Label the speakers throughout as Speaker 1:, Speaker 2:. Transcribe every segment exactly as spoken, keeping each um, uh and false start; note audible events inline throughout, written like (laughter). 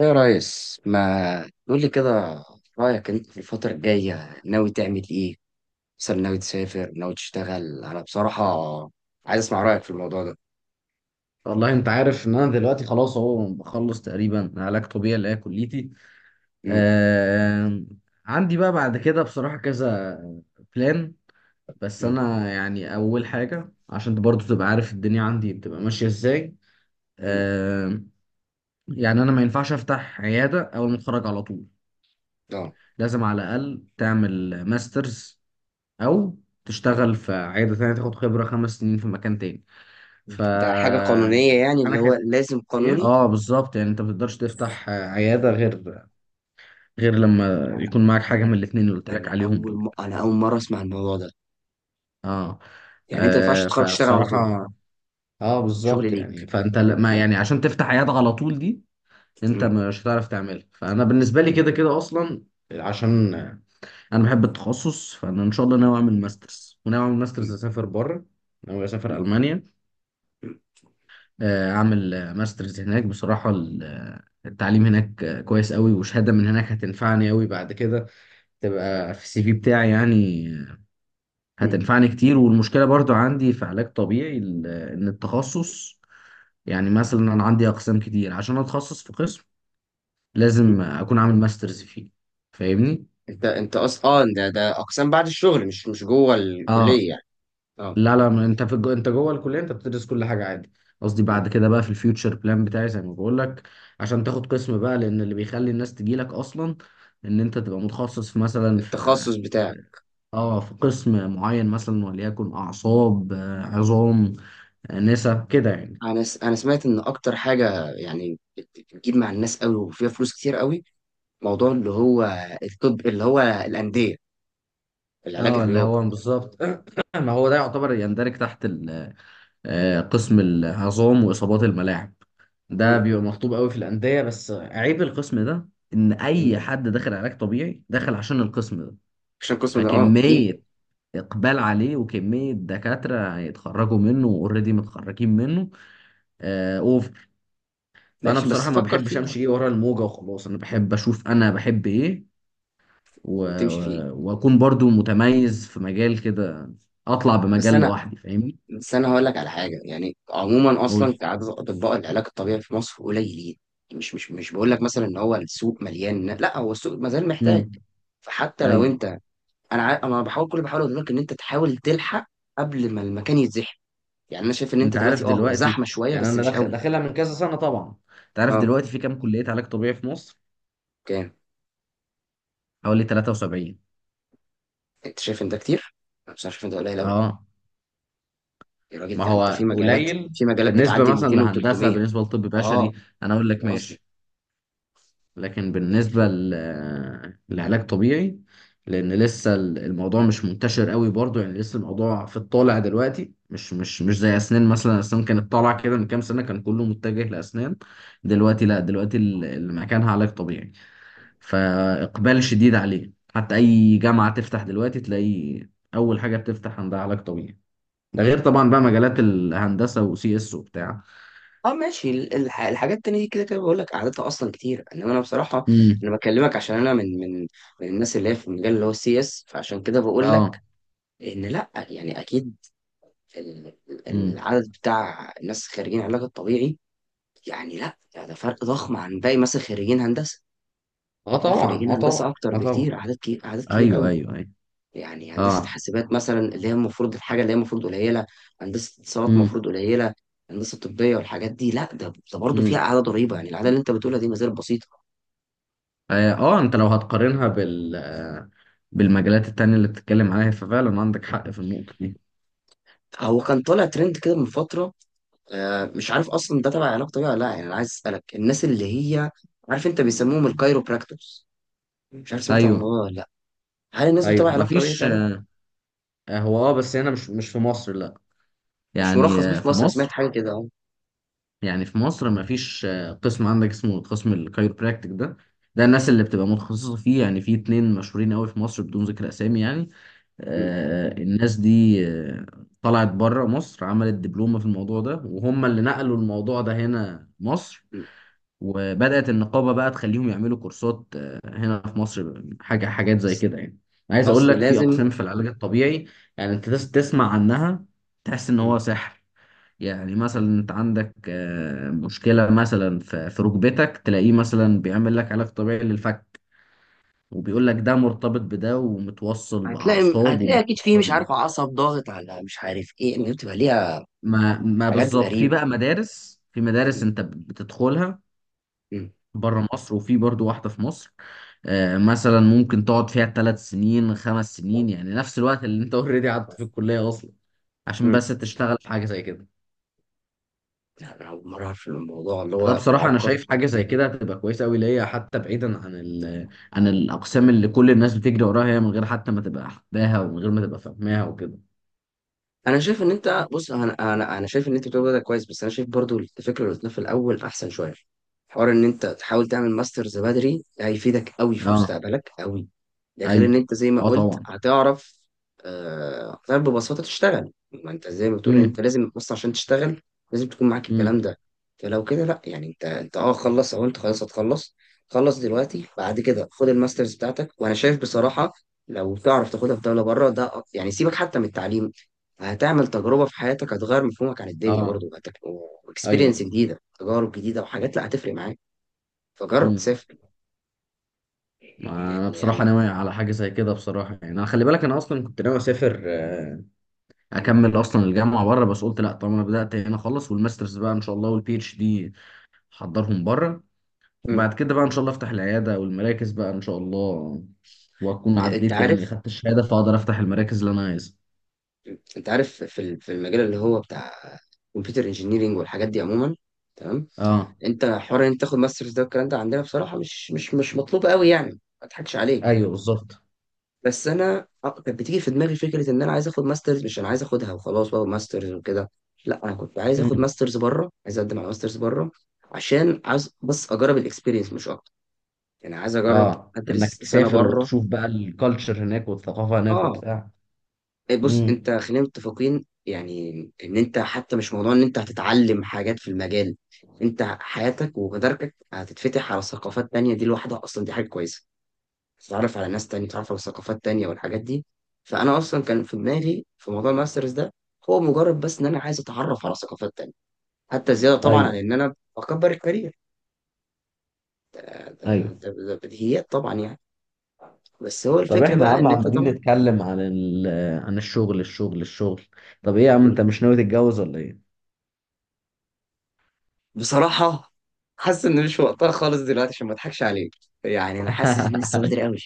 Speaker 1: يا ريس ما تقول لي كده، رأيك انت في الفترة الجاية ناوي تعمل ايه؟ مثلا ناوي تسافر ناوي تشتغل، انا بصراحة عايز اسمع رأيك في الموضوع ده.
Speaker 2: والله انت عارف ان انا دلوقتي خلاص اهو بخلص تقريبا علاج طبيعي اللي هي كليتي.
Speaker 1: امم.
Speaker 2: آه عندي بقى بعد كده بصراحة كذا بلان. بس
Speaker 1: امم.
Speaker 2: انا يعني اول حاجة عشان برضو تبقى عارف الدنيا عندي بتبقى ماشية ازاي.
Speaker 1: امم.
Speaker 2: آه يعني انا ما ينفعش افتح عيادة اول ما اتخرج على طول،
Speaker 1: ده.
Speaker 2: لازم على الاقل تعمل ماسترز او تشتغل في عيادة تانية تاخد خبرة خمس سنين في مكان تاني. ف
Speaker 1: ده حاجة قانونية يعني اللي هو
Speaker 2: انا
Speaker 1: لازم
Speaker 2: ايه
Speaker 1: قانوني؟
Speaker 2: اه بالظبط، يعني انت ما تقدرش تفتح آه، عياده غير غير لما يكون معاك حاجه
Speaker 1: انا
Speaker 2: من الاثنين اللي قلت لك
Speaker 1: أنا
Speaker 2: عليهم
Speaker 1: اول
Speaker 2: دول.
Speaker 1: م... انا اول مرة اسمع الموضوع ده.
Speaker 2: اه،
Speaker 1: يعني انت ما ينفعش
Speaker 2: آه،
Speaker 1: تتخرج تشتغل على
Speaker 2: فبصراحه
Speaker 1: طول؟
Speaker 2: اه
Speaker 1: شغل
Speaker 2: بالظبط،
Speaker 1: ليك.
Speaker 2: يعني فانت ل- ما
Speaker 1: لا.
Speaker 2: يعني عشان تفتح عياده على طول دي انت
Speaker 1: أمم،
Speaker 2: مش هتعرف تعملها. فانا بالنسبه لي
Speaker 1: أمم،
Speaker 2: كده كده اصلا، عشان آه، انا بحب التخصص، فانا ان شاء الله ناوي اعمل ماسترز، وناوي اعمل ماسترز
Speaker 1: أمم،
Speaker 2: اسافر بره، ناوي اسافر
Speaker 1: أمم،
Speaker 2: المانيا.
Speaker 1: أمم،
Speaker 2: آه، اعمل آه، ماسترز هناك. بصراحه ال- آه، التعليم هناك آه، كويس قوي، وشهاده من هناك هتنفعني قوي بعد كده، تبقى في السي في بتاعي يعني،
Speaker 1: أمم،
Speaker 2: هتنفعني كتير. والمشكلة برضو عندي في علاج طبيعي ال- ان التخصص، يعني مثلا انا عندي اقسام كتير، عشان اتخصص في قسم
Speaker 1: أمم.
Speaker 2: لازم اكون عامل ماسترز فيه. فاهمني؟
Speaker 1: انت انت اصلا، اه ده ده اقسام بعد الشغل، مش مش جوه
Speaker 2: اه.
Speaker 1: الكلية يعني؟ اه.
Speaker 2: لا لا، ما انت في الجو... انت جوه الكليه انت بتدرس كل حاجه عادي. قصدي بعد كده بقى في الفيوتشر بلان بتاعي زي ما بقول لك، عشان تاخد قسم بقى، لان اللي بيخلي الناس تجي لك اصلا ان انت تبقى متخصص في مثلا في
Speaker 1: التخصص بتاعك.
Speaker 2: اه في قسم معين، مثلا وليكن اعصاب، آه، عظام، آه، نسا كده يعني.
Speaker 1: انا س... انا سمعت ان اكتر حاجه يعني بت- بتجيب مع الناس قوي وفيها فلوس كتير قوي. موضوع اللي هو الطب، اللي هو الانديه، العلاج
Speaker 2: اه اللي
Speaker 1: الرياضي.
Speaker 2: هو بالظبط (clears throat) ما هو ده يعتبر يندرج تحت ال- آه، قسم العظام واصابات الملاعب. ده
Speaker 1: امم.
Speaker 2: بيبقى مطلوب قوي في الانديه، بس عيب القسم ده ان
Speaker 1: امم.
Speaker 2: اي حد داخل علاج طبيعي داخل عشان القسم ده.
Speaker 1: عشان قسم ده، اه، اكيد.
Speaker 2: فكميه اقبال عليه، وكميه دكاتره هيتخرجوا منه واوريدي متخرجين منه، اوف. فانا
Speaker 1: ماشي، بس
Speaker 2: بصراحه ما
Speaker 1: فكر
Speaker 2: بحبش
Speaker 1: فيها.
Speaker 2: امشي ايه ورا الموجه وخلاص، انا بحب اشوف، انا بحب ايه و...
Speaker 1: وتمشي فيه.
Speaker 2: و- واكون برضو متميز في مجال كده، اطلع
Speaker 1: بس
Speaker 2: بمجال
Speaker 1: انا
Speaker 2: لوحدي. فاهمني؟
Speaker 1: بس انا هقول لك على حاجه. يعني عموما اصلا
Speaker 2: قول.
Speaker 1: كعدد، اطباء العلاج الطبيعي في مصر قليلين. مش مش مش بقول لك مثلا ان هو السوق مليان، لا هو السوق ما زال محتاج.
Speaker 2: امم،
Speaker 1: فحتى لو
Speaker 2: ايوه.
Speaker 1: انت، انا عا... انا بحاول، كل بحاول اقول لك ان انت تحاول تلحق قبل ما المكان يتزحم. يعني انا شايف ان انت
Speaker 2: انت
Speaker 1: دلوقتي،
Speaker 2: عارف
Speaker 1: اه هو
Speaker 2: دلوقتي،
Speaker 1: زحمه شويه
Speaker 2: يعني
Speaker 1: بس
Speaker 2: انا
Speaker 1: مش
Speaker 2: داخ-
Speaker 1: قوي.
Speaker 2: داخلها من كذا سنه طبعا. انت عارف
Speaker 1: اه.
Speaker 2: دلوقتي في كام كليه علاج طبيعي في مصر؟
Speaker 1: كام؟
Speaker 2: حوالي ثلاثة وسبعين.
Speaker 1: انت شايف ان ده كتير؟ انا بصراحه شايف ان ده قليل قوي.
Speaker 2: اه،
Speaker 1: يا راجل،
Speaker 2: ما
Speaker 1: ده انت في
Speaker 2: هو
Speaker 1: مجالات،
Speaker 2: قليل
Speaker 1: في مجالات
Speaker 2: بالنسبه
Speaker 1: بتعدي
Speaker 2: مثلا
Speaker 1: ميتين
Speaker 2: لهندسه،
Speaker 1: و300.
Speaker 2: بالنسبه لطب
Speaker 1: اه.
Speaker 2: بشري انا اقول لك
Speaker 1: ده قصدي.
Speaker 2: ماشي، لكن
Speaker 1: يعني
Speaker 2: بالنسبة
Speaker 1: في
Speaker 2: ل- لعلاج طبيعي لأن لسه ال- الموضوع مش منتشر قوي برضو، يعني لسه الموضوع في الطالع دلوقتي، مش مش مش
Speaker 1: م-
Speaker 2: زي أسنان مثلا. أسنان كانت طالعة كده من كام سنة، كان كله متجه لأسنان. دلوقتي
Speaker 1: م.
Speaker 2: لا، دلوقتي ال- اللي مكانها علاج طبيعي، فإقبال شديد عليه، حتى أي جامعة تفتح دلوقتي تلاقي أول حاجة بتفتح عندها علاج طبيعي. ده غير طبعا بقى مجالات الهندسة وسي اس وبتاع.
Speaker 1: اه، ماشي، ال- الح... الحاجات التانية دي كده كده بقول لك قعدتها اصلا كتير. انما انا بصراحه انا
Speaker 2: امم،
Speaker 1: بكلمك عشان انا من من من الناس اللي هي في المجال اللي هو سي اس، فعشان كده بقول لك
Speaker 2: اه،
Speaker 1: ان لا، يعني اكيد ال-
Speaker 2: امم،
Speaker 1: العدد بتاع الناس خريجين علاج الطبيعي يعني، لا ده فرق ضخم عن باقي مثلا خريجين هندسه.
Speaker 2: اه
Speaker 1: لا،
Speaker 2: طبعا،
Speaker 1: خريجين
Speaker 2: اه
Speaker 1: هندسه
Speaker 2: طبعا،
Speaker 1: اكتر
Speaker 2: اه
Speaker 1: بكتير،
Speaker 2: طبعا،
Speaker 1: اعداد كبير، اعداد كبير
Speaker 2: ايوه
Speaker 1: قوي.
Speaker 2: ايوه ايوه،
Speaker 1: يعني هندسه
Speaker 2: اه،
Speaker 1: حاسبات مثلا، اللي هي المفروض الحاجه اللي هي المفروض قليله، هندسه اتصالات
Speaker 2: امم،
Speaker 1: المفروض قليله، هندسه طبيه والحاجات دي، لا ده ده برضه فيها
Speaker 2: امم.
Speaker 1: اعداد قريبه. يعني الاعداد اللي انت بتقولها دي ما زالت بسيطه.
Speaker 2: اه، آه، انت لو هتقارنها بال آه، بالمجالات التانية اللي بتتكلم عليها ففعلا عندك حق في النقطة دي.
Speaker 1: هو كان طالع ترند كده من فتره. آه، مش عارف اصلا ده تبع علاج طبيعي ولا لا. يعني انا عايز اسالك، الناس اللي هي، عارف انت، بيسموهم الكايروبراكتورز، مش عارف سمعت عن
Speaker 2: ايوه،
Speaker 1: الموضوع ده ولا. هل الناس بتتابع
Speaker 2: ايوه
Speaker 1: علاقته بيه
Speaker 2: مفيش.
Speaker 1: فعلا؟
Speaker 2: آه، هو اه بس هنا، مش مش في مصر لا،
Speaker 1: مش
Speaker 2: يعني
Speaker 1: مرخص بيه
Speaker 2: آه،
Speaker 1: في
Speaker 2: في
Speaker 1: مصر، أنا سمعت
Speaker 2: مصر،
Speaker 1: حاجة كده أهو.
Speaker 2: يعني في مصر مفيش آه، قسم عندك اسمه قسم الكايروبراكتيك ده. ده الناس اللي بتبقى متخصصة فيه، يعني في اتنين مشهورين قوي في مصر، بدون ذكر اسامي يعني.
Speaker 1: م-
Speaker 2: آه الناس دي آه، طلعت بره مصر، عملت دبلومة في الموضوع ده، وهم اللي نقلوا الموضوع ده هنا مصر.
Speaker 1: م-
Speaker 2: وبدأت النقابة بقى تخليهم يعملوا كورسات آه، هنا في مصر، حاجة حاجات زي
Speaker 1: بس
Speaker 2: كده يعني. عايز أقول
Speaker 1: أصل
Speaker 2: لك في
Speaker 1: لازم
Speaker 2: أقسام في العلاج الطبيعي، يعني أنت تس- تسمع عنها تحس إن هو
Speaker 1: م-
Speaker 2: سحر. يعني
Speaker 1: م-
Speaker 2: مثلا أنت عندك آه، مشكلة مثلا في في ركبتك، تلاقيه مثلا بيعمل لك علاج طبيعي للفك، وبيقول لك ده مرتبط بده ومتوصل
Speaker 1: هتلاقي
Speaker 2: بأعصاب
Speaker 1: هتلاقي أكيد فيه مش
Speaker 2: ومتوصل.
Speaker 1: عارف عصب ضاغط على مش عارف إيه، إن بتبقى ليها
Speaker 2: ما ما
Speaker 1: حاجات
Speaker 2: بالظبط، في
Speaker 1: غريبة.
Speaker 2: بقى مدارس، في مدارس
Speaker 1: م-
Speaker 2: أنت بتدخلها
Speaker 1: م.
Speaker 2: بره مصر، وفي برضو واحدة في مصر. آه، مثلا ممكن تقعد فيها ثلاث سنين، خمس سنين،
Speaker 1: بس-
Speaker 2: يعني نفس الوقت اللي انت اوريدي قعدت في
Speaker 1: بس.
Speaker 2: الكلية اصلا، عشان
Speaker 1: م.
Speaker 2: بس تشتغل في حاجة زي كده.
Speaker 1: لا، أنا أول مرة أعرف إن الموضوع اللي
Speaker 2: ده
Speaker 1: هو
Speaker 2: بصراحة أنا
Speaker 1: معقد.
Speaker 2: شايف حاجة زي
Speaker 1: ممكن.
Speaker 2: كده هتبقى كويسة أوي ليا، حتى بعيدا عن ال عن الأقسام اللي كل الناس بتجري وراها، هي من غير حتى ما تبقى حباها، ومن غير ما تبقى فاهماها وكده.
Speaker 1: انا شايف ان انت بص، انا انا انا شايف ان انت بتقول ده كويس، بس انا شايف برضو الفكره اللي قلتها في الاول احسن شويه. حوار ان انت تحاول تعمل ماسترز بدري هيفيدك قوي في
Speaker 2: أه،
Speaker 1: مستقبلك قوي. ده غير ان
Speaker 2: أيوه،
Speaker 1: انت زي ما
Speaker 2: أه
Speaker 1: قلت
Speaker 2: طبعا،
Speaker 1: هتعرف. آه، هتعرف ببساطه تشتغل. ما انت زي ما بتقول ان انت
Speaker 2: امم،
Speaker 1: لازم، بص، عشان تشتغل لازم تكون معاك الكلام
Speaker 2: امم،
Speaker 1: ده. فلو كده لا، يعني انت انت اه خلص، او انت خلاص هتخلص، خلص دلوقتي. بعد كده خد الماسترز بتاعتك، وانا شايف بصراحه لو تعرف تاخدها في دوله بره ده، أ- يعني سيبك حتى من التعليم، هتعمل تجربة في حياتك، هتغير مفهومك عن الدنيا
Speaker 2: أه،
Speaker 1: برضو، واكسبيرينس
Speaker 2: أيوه،
Speaker 1: جديدة، تجارب جديدة، وحاجات لا هتفرق معاك. فجرب،
Speaker 2: امم.
Speaker 1: سافر.
Speaker 2: ما أنا
Speaker 1: يعني
Speaker 2: بصراحة
Speaker 1: يعني
Speaker 2: ناوي على حاجة زي كده بصراحة، يعني أنا خلي بالك أنا أصلا كنت ناوي أسافر، آه،
Speaker 1: (clears throat)
Speaker 2: اكمل اصلا الجامعه بره، بس قلت لا طالما انا بدات هنا خلص، والماسترز بقى ان شاء الله والبي اتش دي حضرهم بره.
Speaker 1: م- م.
Speaker 2: وبعد كده بقى ان شاء الله افتح العياده والمراكز بقى ان شاء الله، واكون
Speaker 1: انت
Speaker 2: عديت يعني
Speaker 1: عارف
Speaker 2: خدت الشهاده، فاقدر افتح المراكز اللي انا عايزها.
Speaker 1: انت عارف في ال- في المجال اللي هو بتاع كمبيوتر انجينيرنج والحاجات دي عموما، تمام؟
Speaker 2: اه،
Speaker 1: انت حوار ان انت تاخد ماسترز ده والكلام ده عندنا بصراحة مش مش مش مطلوب قوي، يعني ما اضحكش عليك.
Speaker 2: ايوه بالظبط،
Speaker 1: بس انا أق- كانت بتيجي في دماغي فكره ان انا عايز اخد ماسترز، مش انا عايز اخدها وخلاص بقى ماسترز وكده، لا انا كنت عايز اخد
Speaker 2: مم.
Speaker 1: ماسترز بره، عايز اقدم على ماسترز بره، عشان عايز بس اجرب الاكسبيرينس مش اكتر. يعني عايز اجرب
Speaker 2: اه،
Speaker 1: ادرس
Speaker 2: انك
Speaker 1: سنه
Speaker 2: تسافر
Speaker 1: بره.
Speaker 2: وتشوف بقى الكالتشر هناك والثقافه هناك
Speaker 1: اه.
Speaker 2: وبتاع.
Speaker 1: إيه، بص،
Speaker 2: امم،
Speaker 1: انت خلينا متفقين يعني ان انت حتى مش موضوع ان انت هتتعلم حاجات في المجال، انت حياتك ومداركك هتتفتح على ثقافات تانية، دي لوحدها اصلا دي حاجه كويسه. تتعرف على ناس تانية، تتعرف على ثقافات تانية والحاجات دي. فأنا أصلا كان في دماغي في موضوع الماسترز ده، هو مجرد بس إن أنا عايز أتعرف على ثقافات تانية، حتى زيادة طبعا عن
Speaker 2: ايوه،
Speaker 1: إن أنا بكبر الكارير. ده, ده,
Speaker 2: ايوه.
Speaker 1: ده, ده بديهيات طبعا يعني. بس هو
Speaker 2: طب
Speaker 1: الفكرة
Speaker 2: احنا يا
Speaker 1: بقى
Speaker 2: عم
Speaker 1: إن أنت
Speaker 2: عمالين
Speaker 1: طبعا.
Speaker 2: نتكلم عن ال عن الشغل الشغل الشغل. طب ايه يا عم،
Speaker 1: م.
Speaker 2: انت مش ناوي تتجوز ولا ايه؟
Speaker 1: بصراحة حاسس إن مش وقتها خالص دلوقتي، عشان ما أضحكش عليك. يعني أنا حاسس إن
Speaker 2: (laughs)
Speaker 1: لسه بدري أوي.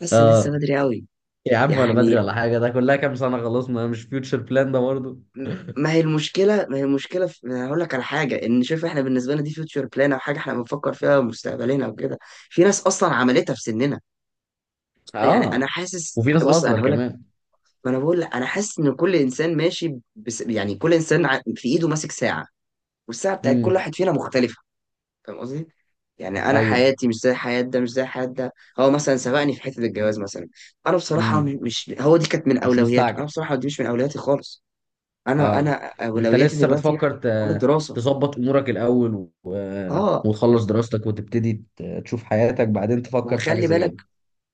Speaker 1: حاسس إن لسه
Speaker 2: اه.
Speaker 1: بدري أوي.
Speaker 2: يا عم ولا بدري
Speaker 1: يعني
Speaker 2: ولا حاجه، ده كلها كام سنه خلصنا، مش فيوتشر بلان ده برضه؟
Speaker 1: ما هي المشكلة، ما هي المشكلة في... أنا هقول لك على حاجة. إن شوف، إحنا بالنسبة لنا دي فيوتشر بلان، أو حاجة إحنا بنفكر فيها مستقبلنا وكده. في ناس أصلا عملتها في سننا. يعني أنا
Speaker 2: اه.
Speaker 1: حاسس،
Speaker 2: وفي ناس
Speaker 1: بص أنا
Speaker 2: اصغر
Speaker 1: هقول لك،
Speaker 2: كمان.
Speaker 1: ما أنا بقول لك، أنا حاسس إن كل إنسان ماشي بس... يعني كل إنسان ع- في إيده ماسك ساعة، والساعة بتاعت كل
Speaker 2: امم،
Speaker 1: واحد فينا مختلفة. فاهم قصدي؟ يعني أنا
Speaker 2: ايوه،
Speaker 1: حياتي مش زي حياة ده، مش زي حياة ده. هو مثلا سبقني في حتة الجواز مثلا. أنا بصراحة، م-
Speaker 2: امم.
Speaker 1: مش هو، دي كانت من
Speaker 2: مش
Speaker 1: أولوياته،
Speaker 2: مستعجل.
Speaker 1: أنا بصراحة دي مش من أولوياتي خالص. انا انا
Speaker 2: اه، انت
Speaker 1: اولوياتي
Speaker 2: لسه
Speaker 1: دلوقتي
Speaker 2: بتفكر
Speaker 1: حوار
Speaker 2: ت-
Speaker 1: الدراسه.
Speaker 2: تظبط امورك الاول، و...
Speaker 1: اه.
Speaker 2: وتخلص دراستك، وتبتدي ت- تشوف حياتك، بعدين تفكر في حاجه
Speaker 1: وخلي
Speaker 2: زي
Speaker 1: بالك،
Speaker 2: كده.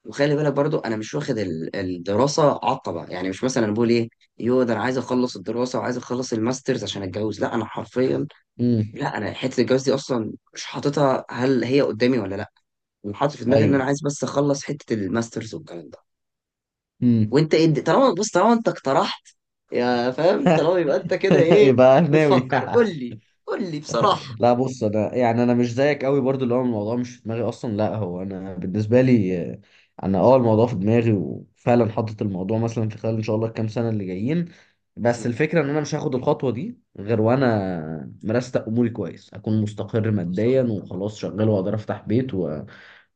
Speaker 1: وخلي بالك برضو انا مش واخد ال- الدراسه عطبه، يعني مش مثلا انا بقول ايه، يو ده انا عايز اخلص الدراسه وعايز اخلص الماسترز عشان اتجوز. لا، انا حرفيا،
Speaker 2: امم،
Speaker 1: لا انا حته الجواز دي اصلا مش حاططها هل هي قدامي ولا لا. انا حاطط في دماغي ان انا
Speaker 2: ايوه،
Speaker 1: عايز بس اخلص حته الماسترز والكلام ده.
Speaker 2: امم.
Speaker 1: وانت ايه الد- طالما، بص، طالما انت اقترحت، يا فاهم، طالما يبقى انت كده،
Speaker 2: (laughs)
Speaker 1: ايه
Speaker 2: يبقى ناوي.
Speaker 1: بتفكر؟ قول
Speaker 2: (laughs)
Speaker 1: لي، قول لي بصراحه.
Speaker 2: لا بص انا، يعني انا مش زيك قوي برضو اللي هو الموضوع مش في دماغي اصلا، لا هو انا بالنسبه لي آه، انا اه الموضوع في دماغي، وفعلا حاطط الموضوع مثلا في خلال ان شاء الله الكام سنه اللي جايين. بس
Speaker 1: مم.
Speaker 2: الفكره ان انا مش هاخد الخطوه دي غير وانا مرستق اموري كويس، اكون مستقر ماديا
Speaker 1: صح.
Speaker 2: وخلاص شغال واقدر افتح بيت و...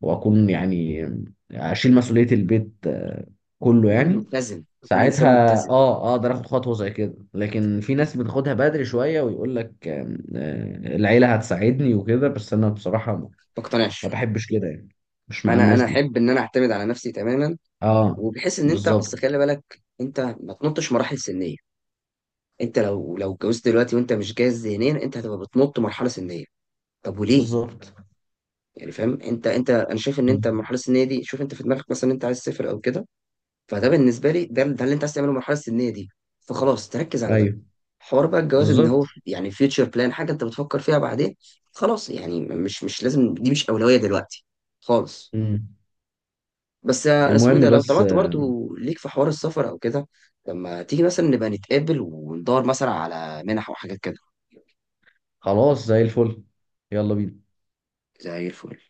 Speaker 2: واكون يعني اشيل مسؤوليه البيت، آه، كله
Speaker 1: اكون
Speaker 2: يعني.
Speaker 1: متزن، اكون انسان
Speaker 2: ساعتها اه
Speaker 1: متزن.
Speaker 2: آه، اقدر اخد خطوه زي كده. لكن في ناس بتاخدها بدري شويه، ويقول لك آم، آه، العيله هتساعدني وكده، بس انا بصراحه ما
Speaker 1: ما
Speaker 2: ما
Speaker 1: اقتنعش.
Speaker 2: بحبش كده يعني، مش مع
Speaker 1: انا
Speaker 2: الناس
Speaker 1: انا
Speaker 2: دي.
Speaker 1: احب ان انا اعتمد على نفسي تماما،
Speaker 2: اه
Speaker 1: وبحيث ان انت، اصل
Speaker 2: بالظبط،
Speaker 1: خلي بالك انت ما تنطش مراحل سنيه. انت لو لو اتجوزت دلوقتي وانت مش جاهز ذهنيا، انت هتبقى بتنط مرحله سنيه. طب وليه؟
Speaker 2: بالظبط،
Speaker 1: يعني فاهم انت انت انا شايف ان انت
Speaker 2: مم.
Speaker 1: المرحله السنيه دي، شوف انت في دماغك مثلا انت عايز تسافر او كده، فده بالنسبه لي، ده ده اللي انت عايز تعمله، المرحله السنيه دي، فخلاص تركز على ده.
Speaker 2: ايوه
Speaker 1: حوار بقى الجواز، ان هو
Speaker 2: بالظبط،
Speaker 1: يعني فيوتشر بلان، حاجه انت بتفكر فيها بعدين، خلاص، يعني مش مش لازم، دي مش اولويه دلوقتي خالص.
Speaker 2: مم.
Speaker 1: بس آه، اسمه ايه
Speaker 2: المهم
Speaker 1: ده، لو
Speaker 2: بس،
Speaker 1: طلعت
Speaker 2: آه،
Speaker 1: برضو ليك في حوار السفر او كده، لما تيجي مثلا نبقى نتقابل وندور مثلا على منح وحاجات كده.
Speaker 2: خلاص زي الفل، يلا بينا.
Speaker 1: زي الفل.